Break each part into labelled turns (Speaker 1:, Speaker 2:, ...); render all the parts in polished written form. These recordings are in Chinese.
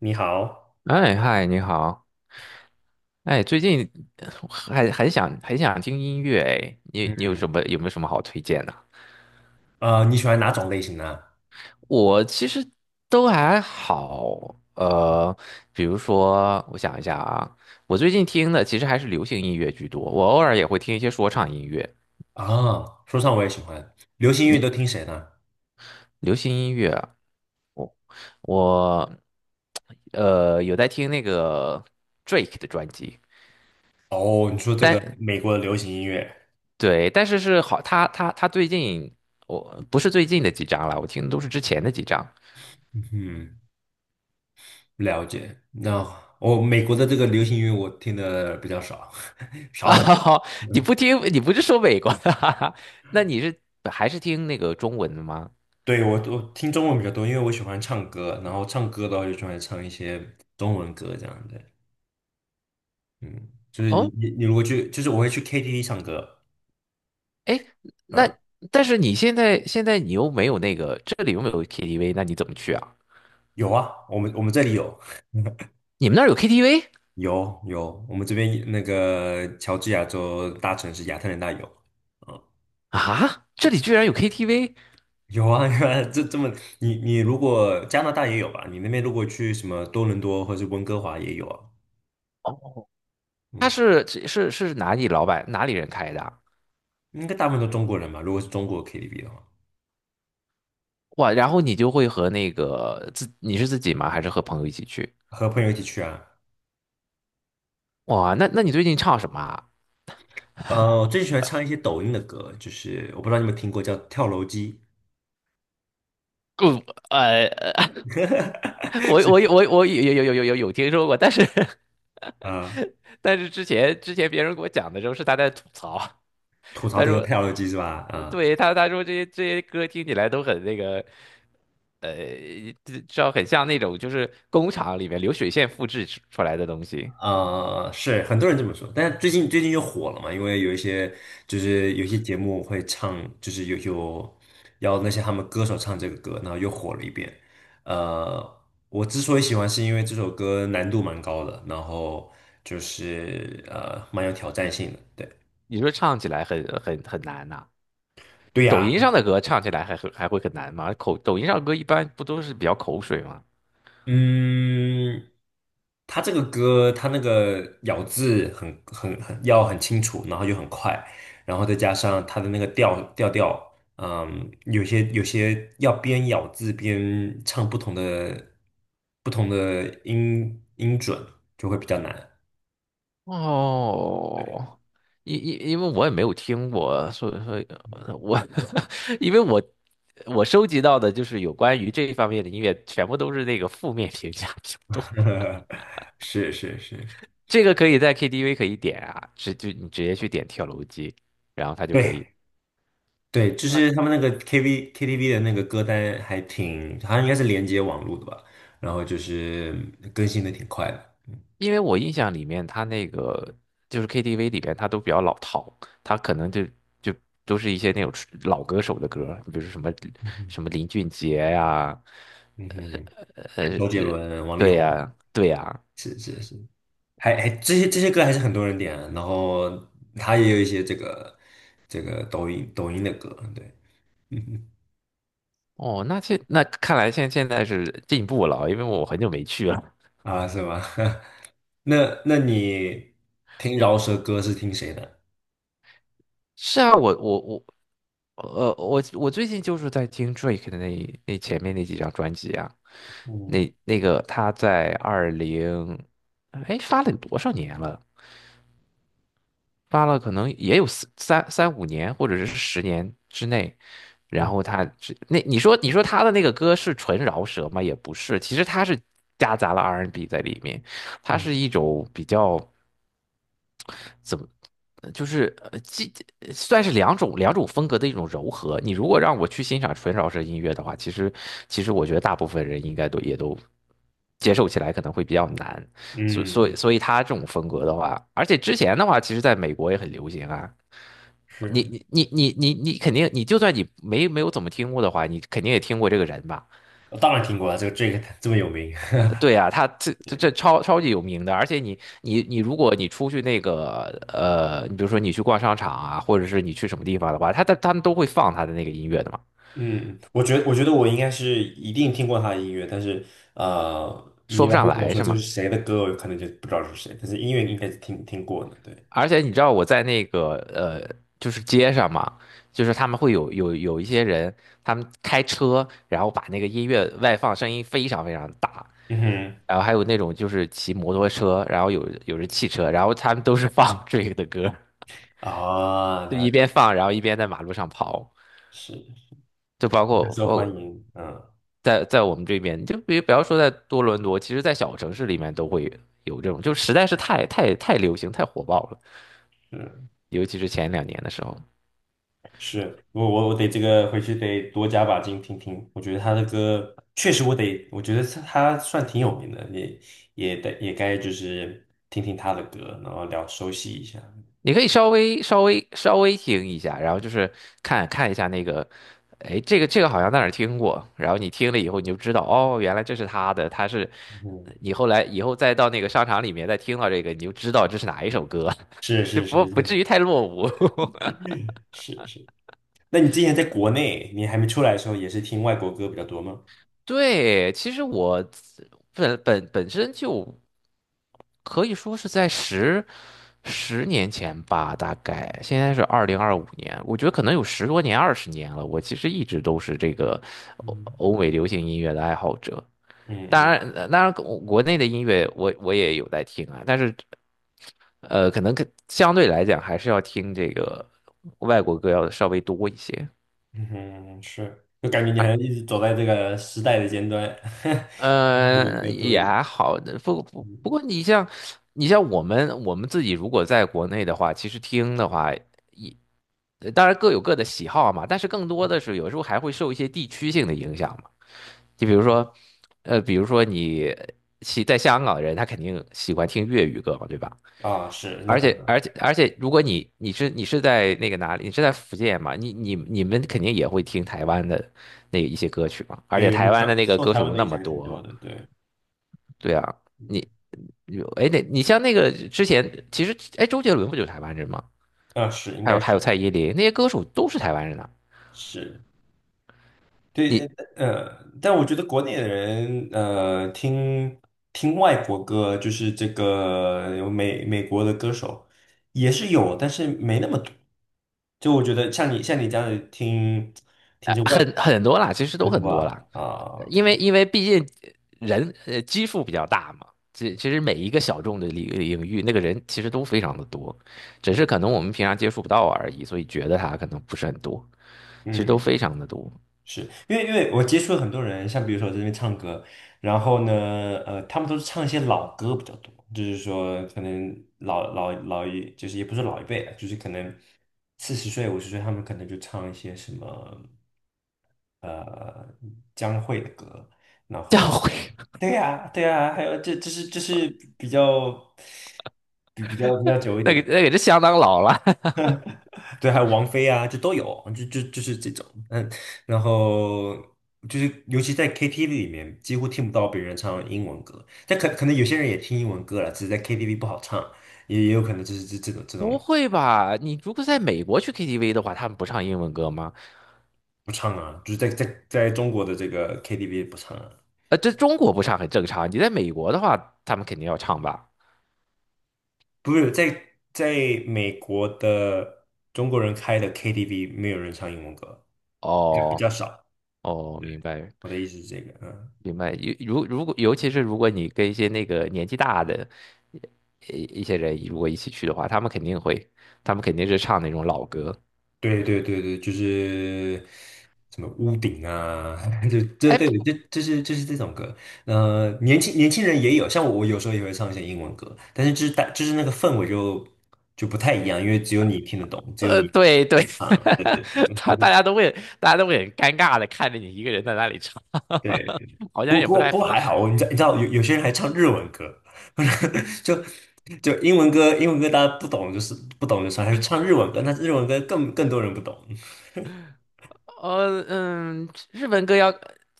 Speaker 1: 你好，
Speaker 2: 哎，嗨，你好。哎，最近还很想很想听音乐哎，你你有什
Speaker 1: 嗯，
Speaker 2: 么有没有什么好推荐的？
Speaker 1: 啊，你喜欢哪种类型呢？
Speaker 2: 我其实都还好，比如说我想一下啊，我最近听的其实还是流行音乐居多，我偶尔也会听一些说唱音乐。
Speaker 1: 啊，说唱我也喜欢，流行音乐
Speaker 2: 你
Speaker 1: 都听谁呢？
Speaker 2: 流行音乐啊，我有在听那个 Drake 的专辑。
Speaker 1: 哦，你说这个
Speaker 2: 但
Speaker 1: 美国的流行音乐，
Speaker 2: 对，但是是好，他最近，我不是最近的几张了，我听的都是之前的几张
Speaker 1: 嗯，了解。那美国的这个流行音乐我听的比较少，少
Speaker 2: 啊。
Speaker 1: 很。
Speaker 2: 你不听，你不是说美国的哈哈，那你是还是听那个中文的吗？
Speaker 1: 对，我听中文比较多，因为我喜欢唱歌，然后唱歌的话就喜欢唱一些中文歌这样的。嗯，就是你
Speaker 2: 哦，
Speaker 1: 你你如果去，就是我会去 KTV 唱歌。
Speaker 2: 哎，那
Speaker 1: 嗯。
Speaker 2: 但是你现在你又没有那个，这里又没有 KTV，那你怎么去啊？
Speaker 1: 有啊，我们这里有，
Speaker 2: 你们那儿有 KTV
Speaker 1: 有有，我们这边那个乔治亚州大城市亚特兰大有。嗯，
Speaker 2: 啊？这里居然有 KTV？
Speaker 1: 有啊。这么，你如果加拿大也有吧？你那边如果去什么多伦多或者是温哥华也有啊。
Speaker 2: 哦，他
Speaker 1: 嗯，
Speaker 2: 是哪里老板哪里人开的啊。
Speaker 1: 应该大部分都中国人吧？如果是中国 KTV 的话，
Speaker 2: 哇，然后你就会和那个你是自己吗？还是和朋友一起去？
Speaker 1: 和朋友一起去啊。
Speaker 2: 哇，那你最近唱什么啊？
Speaker 1: 我最喜欢唱一些抖音的歌，就是我不知道你们听过叫跳楼机。
Speaker 2: 嗯，呃，我有听说过，但是
Speaker 1: 啊，
Speaker 2: 但是之前别人给我讲的时候是他在吐槽。
Speaker 1: 吐槽
Speaker 2: 他
Speaker 1: 这
Speaker 2: 说，
Speaker 1: 个跳楼机是吧？
Speaker 2: 对他说这些歌听起来都很那个，呃，知道很像那种就是工厂里面流水线复制出来的东西。
Speaker 1: 是很多人这么说，但是最近又火了嘛，因为有一些节目会唱，就是有要那些他们歌手唱这个歌，然后又火了一遍。呃，我之所以喜欢，是因为这首歌难度蛮高的，然后就是蛮有挑战性的。对，
Speaker 2: 你说唱起来很很很难呐、
Speaker 1: 对
Speaker 2: 抖
Speaker 1: 呀。
Speaker 2: 音上的歌唱起来还会很难吗？抖音上歌一般不都是比较口水吗？
Speaker 1: 嗯，他这个歌，他那个咬字很要很清楚，然后又很快，然后再加上他的那个调，有些要边咬字边唱不同的音准，就会比较难。
Speaker 2: 哦，因为我也没有听过，所以我 因为我收集到的就是有关于这一方面的音乐，全部都是那个负面评价比较多。
Speaker 1: 是是是，
Speaker 2: 这个可以在 KTV 可以点啊，就你直接去点跳楼机，然后它就可以。
Speaker 1: 对对，就是
Speaker 2: 啊，
Speaker 1: 他们那个 KTV 的那个歌单还挺，好像应该是连接网络的吧，然后就是更新的挺快的。
Speaker 2: 因为我印象里面，它那个就是 KTV 里边，它都比较老套，它可能就都是一些那种老歌手的歌，比如说什么林俊杰呀、
Speaker 1: 嗯哼。
Speaker 2: 呃
Speaker 1: 周杰
Speaker 2: 呃，
Speaker 1: 伦、王力
Speaker 2: 对
Speaker 1: 宏。
Speaker 2: 呀，对呀。
Speaker 1: 是是是，还这些歌还是很多人点啊，然后他也有一些这个抖音的歌。对。嗯
Speaker 2: 哦，那看来现在是进步了啊，因为我很久没去了。
Speaker 1: 啊，是吗？那那你听饶舌歌是听谁的？
Speaker 2: 是啊，我我最近就是在听 Drake 的那前面那几张专辑啊。
Speaker 1: 嗯
Speaker 2: 那个他在哎，发了多少年了？发了可能也有四三三五年或者是10年之内。然
Speaker 1: 嗯
Speaker 2: 后他那你说他的那个歌是纯饶舌吗？也不是，其实他是夹杂了 R&B N 在里面，它
Speaker 1: 嗯
Speaker 2: 是一种比较怎么。就是算是两种风格的一种柔和。你如果让我去欣赏纯饶舌音乐的话，其实我觉得大部分人应该都也都接受起来可能会比较难。
Speaker 1: 嗯，嗯
Speaker 2: 所以他这种风格的话，而且之前的话，其实在美国也很流行啊。
Speaker 1: 是，
Speaker 2: 你你你肯定，你就算你没有怎么听过的话，你肯定也听过这个人吧？
Speaker 1: 我当然听过啊，这个 Drake 这么有名。
Speaker 2: 对啊，他这 超级有名的，而且你，如果你出去那个你比如说你去逛商场啊，或者是你去什么地方的话，他们都会放他的那个音乐的嘛。
Speaker 1: 嗯，我觉得我应该是一定听过他的音乐，但是你
Speaker 2: 说不
Speaker 1: 要
Speaker 2: 上
Speaker 1: 问我
Speaker 2: 来
Speaker 1: 说
Speaker 2: 是
Speaker 1: 这是
Speaker 2: 吗？
Speaker 1: 谁的歌，我可能就不知道是谁，但是音乐应该是听过的。对，
Speaker 2: 而且你知道我在那个就是街上嘛，就是他们会有一些人，他们开车，然后把那个音乐外放，声音非常非常大。
Speaker 1: 嗯哼。
Speaker 2: 然后还有那种就是骑摩托车，然后有人汽车，然后他们都是放 这个的歌，
Speaker 1: 啊，
Speaker 2: 就
Speaker 1: 了
Speaker 2: 一
Speaker 1: 解，
Speaker 2: 边放，然后一边在马路上跑，
Speaker 1: 是
Speaker 2: 就包括
Speaker 1: 受欢
Speaker 2: 我
Speaker 1: 迎。嗯，
Speaker 2: 在我们这边，你就别不要说在多伦多。其实在小城市里面都会有这种，就实在是太流行、太火爆了，
Speaker 1: 是
Speaker 2: 尤其是前两年的时候。
Speaker 1: 是，我得这个回去得多加把劲听听，我觉得他的歌确实我得，我觉得他算挺有名的，也得也该就是听听他的歌，然后聊熟悉一下。
Speaker 2: 你可以稍微听一下，然后就是看一下那个，哎，这个好像在哪儿听过，然后你听了以后你就知道，哦，原来这是他的，他是
Speaker 1: 嗯，
Speaker 2: 你后来以后再到那个商场里面再听到这个，你就知道这是哪一首歌，
Speaker 1: 是
Speaker 2: 就
Speaker 1: 是是，
Speaker 2: 不
Speaker 1: 对，
Speaker 2: 至于太落伍。
Speaker 1: 是是。那你之前在国内，你还没出来的时候，也是听外国歌比较多吗？
Speaker 2: 对，其实我本身就可以说是在10年前吧，大概现在是2025年，我觉得可能有10多年、20年了。我其实一直都是这个
Speaker 1: 嗯，
Speaker 2: 欧美流行音乐的爱好者。
Speaker 1: 嗯
Speaker 2: 当
Speaker 1: 嗯
Speaker 2: 然，当然，国内的音乐我也有在听啊，但是可能相对来讲还是要听这个外国歌要稍微多一些。
Speaker 1: 嗯哼是，就感觉你还一直走在这个时代的尖端。外国歌多一
Speaker 2: 也
Speaker 1: 点。
Speaker 2: 还好，
Speaker 1: 嗯，
Speaker 2: 不过你像你像我们自己如果在国内的话，其实听的话也当然各有各的喜好嘛，但是更多的是有时候还会受一些地区性的影响嘛。就比如说，比如说你在香港的人，他肯定喜欢听粤语歌嘛，对吧？
Speaker 1: 啊，是，那当然。
Speaker 2: 而且，如果你是在那个哪里，你是在福建嘛？你们肯定也会听台湾的那一些歌曲嘛。而且
Speaker 1: 对，我
Speaker 2: 台
Speaker 1: 们
Speaker 2: 湾的那个
Speaker 1: 受
Speaker 2: 歌
Speaker 1: 台
Speaker 2: 手
Speaker 1: 湾
Speaker 2: 有
Speaker 1: 的
Speaker 2: 那
Speaker 1: 影
Speaker 2: 么
Speaker 1: 响还挺多
Speaker 2: 多。
Speaker 1: 的。对。
Speaker 2: 对啊，你你哎，那你像那个之前，其实哎，周杰伦不就是台湾人吗？
Speaker 1: 啊，是，应该
Speaker 2: 还有
Speaker 1: 是
Speaker 2: 蔡依林那些歌手都是台湾人啊。
Speaker 1: 是。对。
Speaker 2: 你
Speaker 1: 但我觉得国内的人，听外国歌，就是这个有美国的歌手也是有，但是没那么多。就我觉得像你这样子听着外国
Speaker 2: 很很多啦，其实
Speaker 1: 歌
Speaker 2: 都
Speaker 1: 对
Speaker 2: 很多啦。
Speaker 1: 吧？啊 o
Speaker 2: 因为毕竟人基数比较大嘛，其实每一个小众的领域，那个人其实都非常的多，只是可能我们平常接触不到而已，所以觉得他可能不是很多。其实都非
Speaker 1: 嗯。
Speaker 2: 常的多。
Speaker 1: 是因为我接触了很多人，像比如说我在这边唱歌，然后呢，他们都是唱一些老歌比较多，就是说可能老老老一，就是也不是老一辈了，就是可能40岁50岁，他们可能就唱一些什么呃江蕙的歌。
Speaker 2: 教会
Speaker 1: 对呀、对呀、还有这是比较比较久一
Speaker 2: 那
Speaker 1: 点
Speaker 2: 个
Speaker 1: 的。
Speaker 2: 是相当老了。
Speaker 1: 对，还有王菲啊，就都有，就是这种。嗯，然后就是尤其在 KTV 里面，几乎听不到别人唱英文歌，但可能有些人也听英文歌了，只是在 KTV 不好唱，也有可能就是这这种 这
Speaker 2: 不
Speaker 1: 种
Speaker 2: 会吧？你如果在美国去 KTV 的话，他们不唱英文歌吗？
Speaker 1: 不唱啊，就是在中国的这个 KTV 不唱啊，
Speaker 2: 这中国不唱很正常，你在美国的话，他们肯定要唱吧？
Speaker 1: 不是在美国的中国人开的 KTV 没有人唱英文歌，就比
Speaker 2: 哦。
Speaker 1: 较少，
Speaker 2: 哦，明白。
Speaker 1: 我的意思是这个。嗯。
Speaker 2: 明白。如如果尤其是如果你跟一些那个年纪大的一些人如果一起去的话，他们肯定会，他们肯定是唱那种老歌。
Speaker 1: 对对对对，就是什么屋顶啊。就这
Speaker 2: 哎，
Speaker 1: 对
Speaker 2: 不
Speaker 1: 这是这种歌。年轻人也有，像我，有时候也会唱一些英文歌，但是就是那个氛围就不太一样，因为只有你听得懂，只有你
Speaker 2: 对对，
Speaker 1: 唱。对对
Speaker 2: 他大家都会，大家都会很尴尬的看着你一个人在那里唱，
Speaker 1: 对。
Speaker 2: 好像
Speaker 1: 不
Speaker 2: 也
Speaker 1: 不
Speaker 2: 不
Speaker 1: 过
Speaker 2: 太
Speaker 1: 不过
Speaker 2: 合
Speaker 1: 还好，
Speaker 2: 适。
Speaker 1: 我你知道有些人还唱日文歌。就就英文歌大家不懂就是不懂就算，还是唱日文歌，那日文歌更多人不懂。
Speaker 2: 日文歌要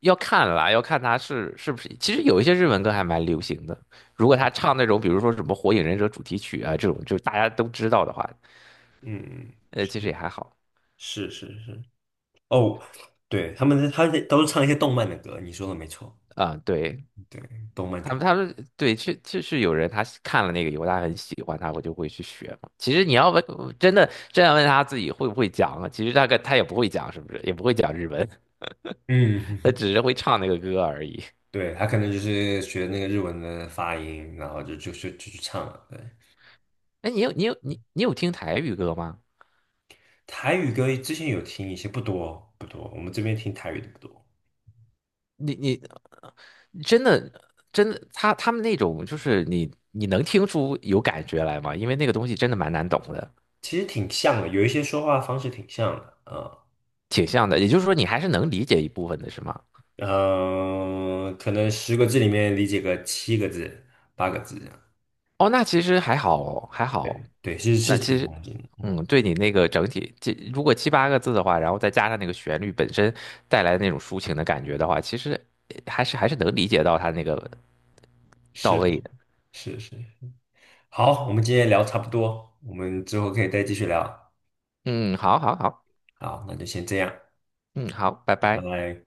Speaker 2: 要看啦，要看他是是不是。其实有一些日文歌还蛮流行的，如果他唱那种比如说什么《火影忍者》主题曲啊这种，就大家都知道的话，
Speaker 1: 嗯，
Speaker 2: 其实
Speaker 1: 是
Speaker 2: 也还好。
Speaker 1: 是是是。哦，对，他们都是唱一些动漫的歌，你说的没错。
Speaker 2: 啊、对，
Speaker 1: 对，动漫歌。
Speaker 2: 他们对，是就是有人他是看了那个以后，他很喜欢，他我就会去学嘛。其实你要问，真的真要问他自己会不会讲啊，其实大概他也不会讲，是不是？也不会讲日文，他
Speaker 1: 嗯，
Speaker 2: 只是会唱那个歌而已。
Speaker 1: 对，他可能就是学那个日文的发音，然后就去唱了。对，
Speaker 2: 哎，你你有听台语歌吗？
Speaker 1: 台语歌之前有听一些，不多不多，我们这边听台语的不多。
Speaker 2: 你你真的他他们那种就是你能听出有感觉来吗？因为那个东西真的蛮难懂的。
Speaker 1: 其实挺像的，有一些说话方式挺像的啊。
Speaker 2: 挺像的。也就是说，你还是能理解一部分的，是吗？
Speaker 1: 嗯，可能10个字里面理解个7个字、8个字这样。
Speaker 2: 哦，那其实还好哦还好。
Speaker 1: 对，是是
Speaker 2: 那其
Speaker 1: 挺
Speaker 2: 实，
Speaker 1: 像的，
Speaker 2: 嗯，对你那个整体，这如果7、8个字的话，然后再加上那个旋律本身带来的那种抒情的感觉的话，其实还是能理解到他那个到
Speaker 1: 是
Speaker 2: 位的。
Speaker 1: 是是。好，我们今天聊差不多，我们之后可以再继续聊。
Speaker 2: 嗯，好，好，好。
Speaker 1: 好，那就先这样，
Speaker 2: 嗯，好，拜
Speaker 1: 拜
Speaker 2: 拜。
Speaker 1: 拜。